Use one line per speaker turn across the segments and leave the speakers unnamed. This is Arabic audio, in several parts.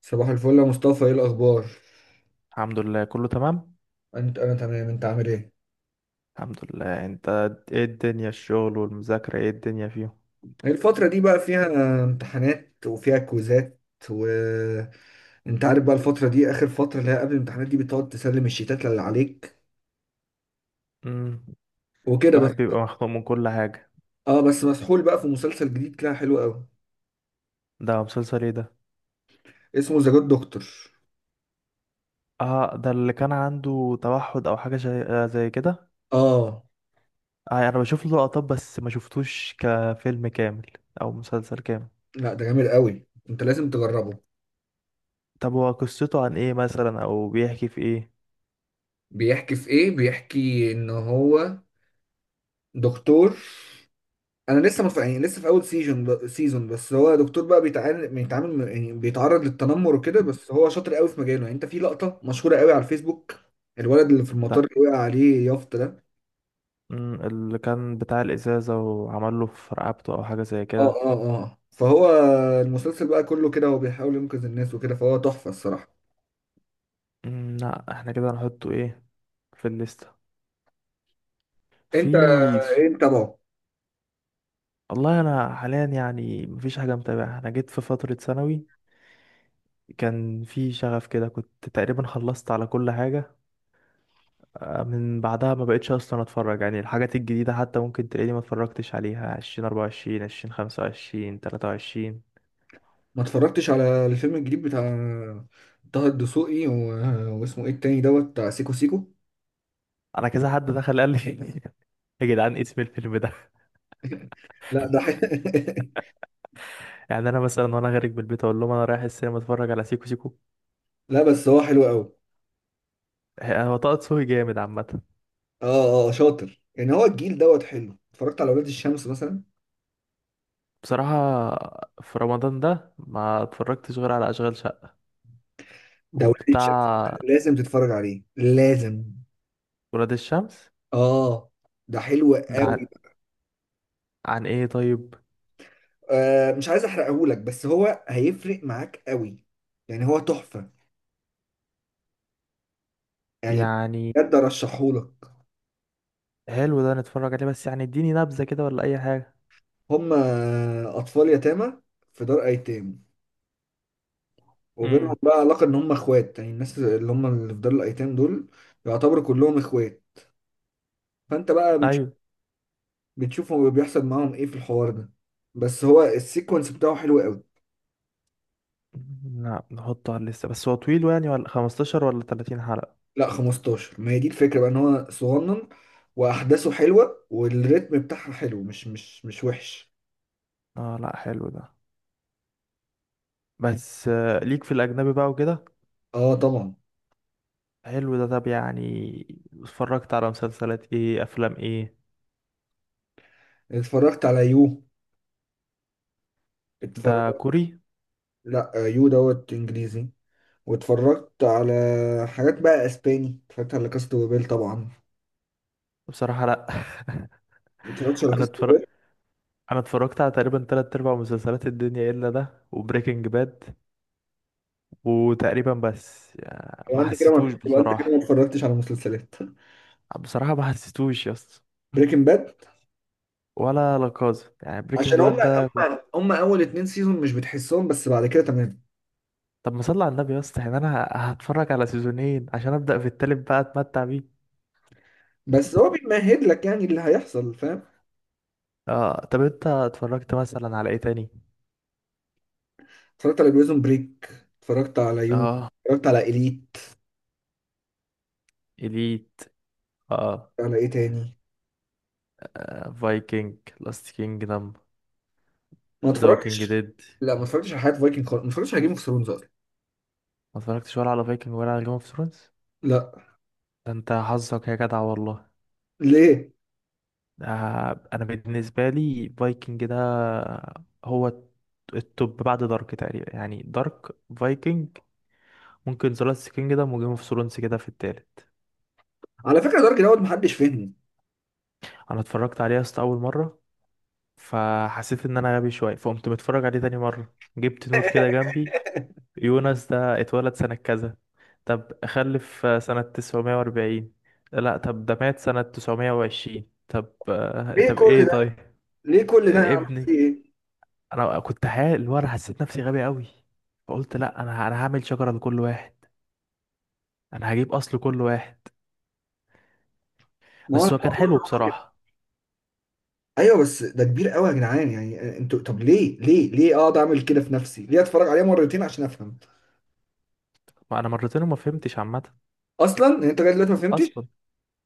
صباح الفل يا مصطفى، ايه الاخبار؟
الحمد لله، كله تمام.
انا تمام، انت عامل ايه؟
الحمد لله، انت؟ ايه الدنيا؟ الشغل والمذاكرة ايه الدنيا فيهم؟
الفتره دي بقى فيها امتحانات وفيها كويزات، و انت عارف بقى الفتره دي اخر فتره اللي هي قبل الامتحانات دي، بتقعد تسلم الشيتات اللي عليك
امم.
وكده بس.
الواحد بيبقى مخنوق من كل حاجة.
اه بس مسحول بقى في مسلسل جديد كده حلو قوي.
ده مسلسل ايه ده؟
اسمه ذا جود دكتور.
اه، ده اللي كان عنده توحد او حاجة زي كده.
اه.
انا بشوف له لقطات، بس ما شفتوش كفيلم كامل، او مسلسل كامل.
لا ده جامد قوي، انت لازم تجربه.
طب هو قصته عن ايه مثلا، او بيحكي في ايه؟
بيحكي في ايه؟ بيحكي ان هو دكتور. انا لسه يعني لسه في اول سيزون بس، هو دكتور بقى بيتعامل يعني بيتعرض للتنمر وكده، بس هو شاطر قوي في مجاله. يعني انت في لقطه مشهوره قوي على الفيسبوك، الولد اللي في المطار
ده،
اللي وقع عليه يافطه ده.
اللي كان بتاع الازازة وعمل له في رقبته او حاجة زي
اه،
كده.
اه. اه، فهو المسلسل بقى كله كده هو بيحاول ينقذ الناس وكده، فهو تحفه الصراحه.
لا، احنا كده هنحطه، ايه، في الليستة.
انت
في.
انت بقى.
والله انا حاليا يعني مفيش حاجه متابعه، انا جيت في فتره ثانوي كان في شغف كده، كنت تقريبا خلصت على كل حاجه. من بعدها ما بقتش اصلا اتفرج، يعني الحاجات الجديده حتى ممكن تلاقيني ما اتفرجتش عليها 20 24 20 25 23.
ما اتفرجتش على الفيلم الجديد بتاع طه الدسوقي واسمه ايه التاني دوت بتاع سيكو سيكو؟
انا كذا حد دخل قال لي، يا جدعان، إيه اسم الفيلم ده؟
لا ده ح...
يعني انا مثلا وانا خارج من البيت اقول لهم انا رايح السينما اتفرج على سيكو سيكو.
لا بس هو حلو قوي.
هو طه دسوقي جامد عامه.
اه، اه، آه شاطر، يعني هو الجيل دوت حلو. اتفرجت على ولاد الشمس مثلا.
بصراحه، في رمضان ده ما اتفرجتش غير على اشغال شقه
ده ولاد الشمس
وبتاع
لازم تتفرج عليه، لازم.
ولاد الشمس.
اه ده حلو
ده عن,
قوي.
عن ايه طيب؟
آه، مش عايز احرقهولك بس هو هيفرق معاك قوي، يعني هو تحفة، يعني
يعني
بجد ارشحهولك.
حلو، ده نتفرج عليه، بس يعني اديني نبذة كده ولا اي حاجة.
هم اطفال يتامى في دار ايتام، وبينهم
امم.
بقى علاقة ان هم اخوات، يعني الناس اللي هم اللي في دار الايتام دول يعتبروا كلهم اخوات. فانت بقى
ايوه.
بتشوفوا بيحصل معاهم ايه في الحوار ده، بس هو السيكونس بتاعه حلو قوي.
لا، نحطه على الليستة، بس هو طويل يعني؟ ولا 15 ولا 30 حلقة؟
لا 15، ما هي دي الفكرة بقى، ان هو صغنن واحداثه حلوة والريتم بتاعها حلو، مش وحش.
اه، لا، حلو ده. بس ليك في الاجنبي بقى وكده.
اه طبعا.
حلو ده، طب يعني اتفرجت على مسلسلات ايه، افلام ايه؟
اتفرجت على يو.
ده
اتفرجت.
كوري؟
لا، يو دوت انجليزي. واتفرجت على حاجات بقى اسباني، اتفرجت على كاست وبيل طبعا.
بصراحة لا.
ما اتفرجتش على
انا
كاست
اتفرج،
وبيل.
انا اتفرجت على تقريبا تلات ارباع مسلسلات الدنيا، الا ده وبريكنج باد. وتقريبا بس يعني ما حسيتوش
يبقى انت كده
بصراحة.
ما اتفرجتش على مسلسلات.
بصراحة ما حسيتوش يا اسطى.
بريكنج باد.
ولا لاكازا، يعني بريكنج
عشان هم
باد ده كنت.
هم هم اول اتنين سيزون مش بتحسهم، بس بعد كده تمام.
طب ما صلي على النبي يا اسطى، يعني انا هتفرج على سيزونين عشان ابدأ في التالت بقى اتمتع بيه؟
بس هو بيمهد لك يعني اللي هيحصل، فاهم.
اه، طب انت اتفرجت مثلا على ايه تاني؟
اتفرجت على بريزون بريك، اتفرجت على يو،
اه.
اتفرجت على اليت.
اليت. اه.
على ايه تاني؟
فايكنج، لاست كينجدم.
ما
ذا ووكينج
اتفرجتش.
ديد.
لا ما اتفرجتش على حياة فايكنج خالص، ما اتفرجتش على جيم اوف ثرونز اصلا.
ما اتفرجتش ولا على فايكنج ولا على جيم اوف ثرونز.
لا.
ده انت حظك يا جدع والله!
ليه؟
ده، انا بالنسبه لي فايكنج ده، هو التوب بعد دارك تقريبا، يعني دارك، فايكنج، ممكن ذا لاست كينجدم وجيم اوف ثرونز كده في التالت.
على فكره دارك دوت محدش فهمني.
انا اتفرجت عليه اصلا اول مره، فحسيت ان انا غبي شويه، فقمت متفرج عليه تاني مره، جبت نوت كده جنبي. يونس ده اتولد سنه كذا، طب خلف سنه 940، لا طب ده مات سنه 920، طب
ليه
طب
كل
ايه
ده؟
طيب.
ليه كل ده يا عم، في
ابني،
ايه؟
انا كنت حال اللي هو انا حسيت نفسي غبي قوي. فقلت لا، انا هعمل شجره لكل واحد، انا هجيب اصل كل واحد.
ما هو انا
بس هو كان
بحاول برضه
حلو
أقول كده.
بصراحه.
ايوه بس ده كبير قوي يا جدعان، يعني انتوا طب ليه ليه ليه اقعد اعمل كده في نفسي؟ ليه اتفرج عليه مرتين عشان افهم؟
ما انا مرتين وما فهمتش عامه.
اصلا يعني انت لغايه دلوقتي ما
اصلا
فهمتش.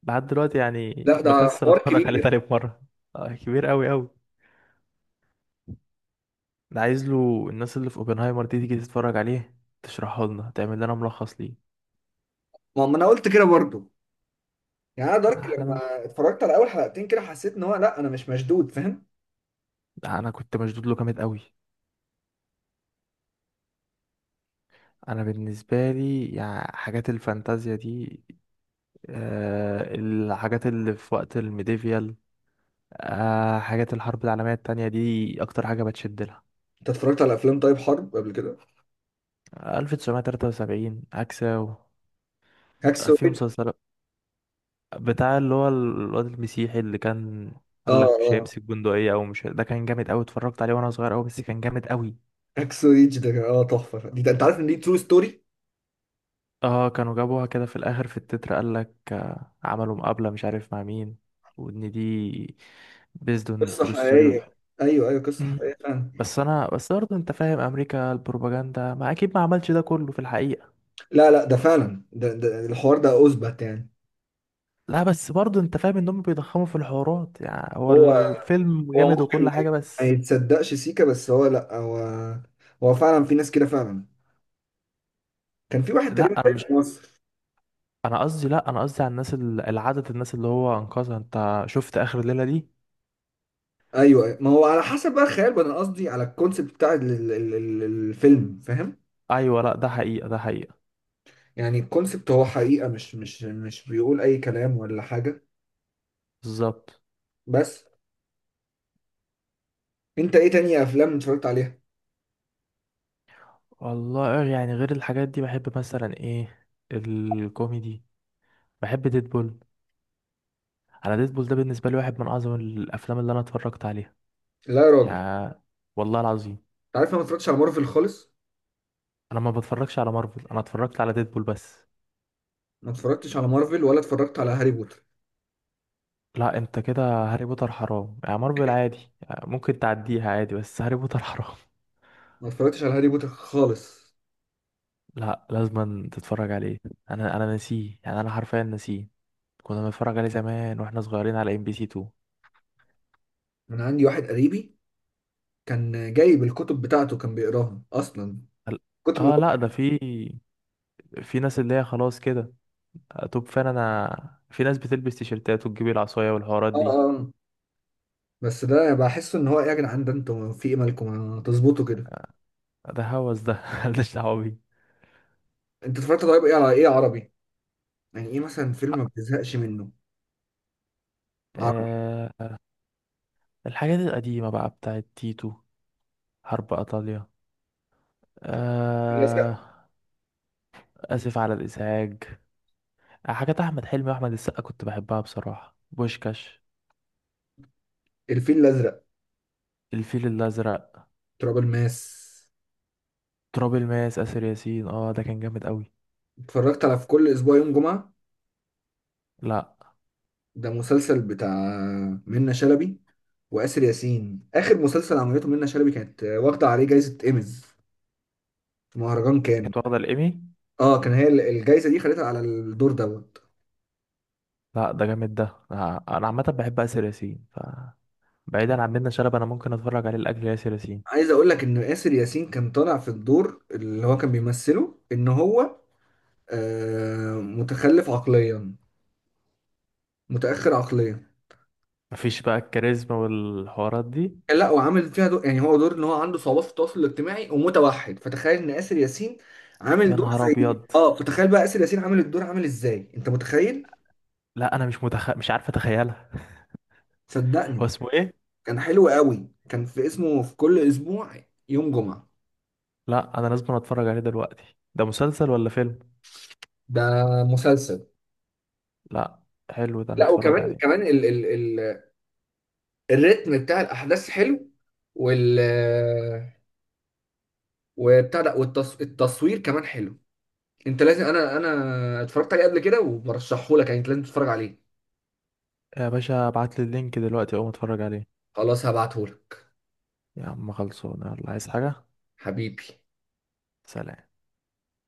لحد دلوقتي يعني
لا ده
مكسل
حوار
اتفرج عليه
كبير.
تاني مره. كبير قوي قوي. انا عايز له الناس اللي في اوبنهايمر دي تيجي تتفرج عليه، تشرحه لنا تعمل لنا ملخص ليه.
ما انا قلت كده برضه. يعني انا دارك
احنا من...
لما اتفرجت على اول حلقتين كده حسيت ان هو، لا انا مش مشدود، فاهم.
انا كنت مشدود له جامد قوي. انا بالنسبه لي يعني حاجات الفانتازيا دي، الحاجات اللي في وقت الميديفيال، حاجات الحرب العالمية التانية دي أكتر حاجة بتشد لها.
انت اتفرجت على افلام طيب حرب قبل كده؟
1973 عكسة.
هاكسو
في
ريدج.
مسلسل بتاع اللي هو الواد المسيحي اللي كان
اه
قالك مش
اه
هيمسك بندقية، أو مش هي- ده كان جامد أوي، اتفرجت عليه وأنا صغير أوي، بس كان جامد أوي.
هاكسو ريدج ده تحفه دي. ده انت عارف ان دي ترو ستوري،
اه، كانوا جابوها كده في الآخر في التتر قالك، عملوا مقابلة مش عارف مع مين، وإن دي based on
قصه
true story
حقيقيه.
والحب.
ايوه ايوه، قصه
مم.
حقيقيه فعلا.
بس أنا بس برضه أنت فاهم، أمريكا البروباجندا ما أكيد ما عملش ده كله في الحقيقة.
لا لا، ده فعلا، ده الحوار ده اثبت يعني.
لا بس برضه انت فاهم ان هم بيضخموا في الحوارات، يعني هو
هو
الفيلم
هو
جامد
ممكن
وكل حاجه
ما
بس.
يتصدقش سيكا، بس هو، لا هو، فعلا في ناس كده فعلا. كان في واحد تقريبا
لا انا
تاني
مش،
في مصر.
انا قصدي، لا، انا قصدي على الناس العدد الناس اللي هو انقذها، انت شفت اخر الليله دي؟
ايوه، أيوة. ما هو على حسب بقى الخيال بقى، انا قصدي على الكونسيبت بتاع الفيلم، فاهم.
ايوه لا، ده حقيقه، ده حقيقه.
يعني الكونسبت هو حقيقة، مش بيقول أي كلام ولا حاجة.
بالظبط.
بس أنت إيه تاني أفلام اتفرجت عليها؟
والله يعني غير الحاجات دي بحب مثلا ايه، الكوميدي. بحب ديدبول. انا ديدبول ده بالنسبه لي واحد من اعظم الافلام اللي انا اتفرجت عليها،
لا يا راجل، أنت
يعني والله العظيم.
عارف أنا ما اتفرجتش على مارفل خالص.
انا ما بتفرجش على مارفل، انا اتفرجت على ديدبول بس.
ما اتفرجتش على مارفل ولا اتفرجت على هاري بوتر.
لا انت كده! هاري بوتر حرام، يعني مارفل عادي، يعني ممكن تعديها عادي، بس هاري بوتر حرام.
ما اتفرجتش على هاري بوتر خالص.
لا، لازم تتفرج عليه. انا نسيه، يعني انا حرفيا نسيه. كنا بنتفرج عليه زمان واحنا صغيرين على ام بي سي 2.
من عندي واحد قريبي كان جايب الكتب بتاعته، كان بيقراها أصلا
ال-
كتر ما
اه،
هو.
لا ده في ناس اللي هي خلاص كده، توب فان، انا في ناس بتلبس تيشيرتات وتجيب العصايه والحوارات
آه،
دي.
آه، آه. بس ده بحس إن هو إيه يا جدعان، ده أنتوا في إيه؟ مالكم ما تظبطوا كده؟
ده هوس ده، مالناش دعوه بيه.
أنت اتفرجت طيب إيه على إيه عربي؟ يعني إيه مثلا فيلم ما بتزهقش منه؟ عربي.
آه الحاجات القديمة بقى بتاعت تيتو، حرب إيطاليا،
الفيل الأزرق.
آه آسف على الإزعاج، حاجات احمد حلمي واحمد السقا كنت بحبها بصراحه، بوشكاش.
الفيل الأزرق.
الفيل الازرق.
تراب الماس.
تراب الماس، اسر ياسين، اه ده كان جامد قوي.
اتفرجت على في كل اسبوع يوم جمعة؟
لا.
ده مسلسل بتاع منة شلبي وآسر ياسين. اخر مسلسل عملته منة شلبي كانت واخدة عليه جايزة ايميز في مهرجان كان.
كانت واخده الايمي؟
اه كان هي الجايزة دي خدتها على الدور دوت.
لا ده جامد ده. لا، انا عامه بحب اسر ياسين. بعيدا عن منة شلبي انا ممكن اتفرج عليه لاجل ياسر ياسين.
عايز اقول لك ان آسر ياسين كان طالع في الدور اللي هو كان بيمثله ان هو متخلف عقليا، متأخر عقليا.
مفيش بقى الكاريزما والحوارات دي؟
لا وعامل فيها دور، يعني هو دور ان هو عنده صعوبات في التواصل الاجتماعي ومتوحد، فتخيل ان آسر ياسين عامل
يا
دور
نهار
زي
ابيض!
فتخيل بقى آسر ياسين عامل الدور عامل ازاي، انت متخيل؟
لا انا مش عارف اتخيلها. هو
صدقني
اسمه ايه؟
كان حلو قوي، كان في اسمه في كل اسبوع يوم جمعة.
لا انا لازم اتفرج عليه دلوقتي، ده مسلسل ولا فيلم؟
ده مسلسل.
لا، حلو ده
لا
نتفرج
وكمان
عليه.
كمان ال ال ال الريتم بتاع الاحداث حلو، وال وبتاع ده، التصوير كمان حلو. انت لازم، انا اتفرجت عليه قبل كده وبرشحه لك، يعني انت لازم تتفرج عليه.
يا باشا ابعت لي اللينك دلوقتي اقوم اتفرج عليه.
خلاص هبعته لك.
يا عم خلصونا، يلا عايز حاجة؟
حبيبي.
سلام.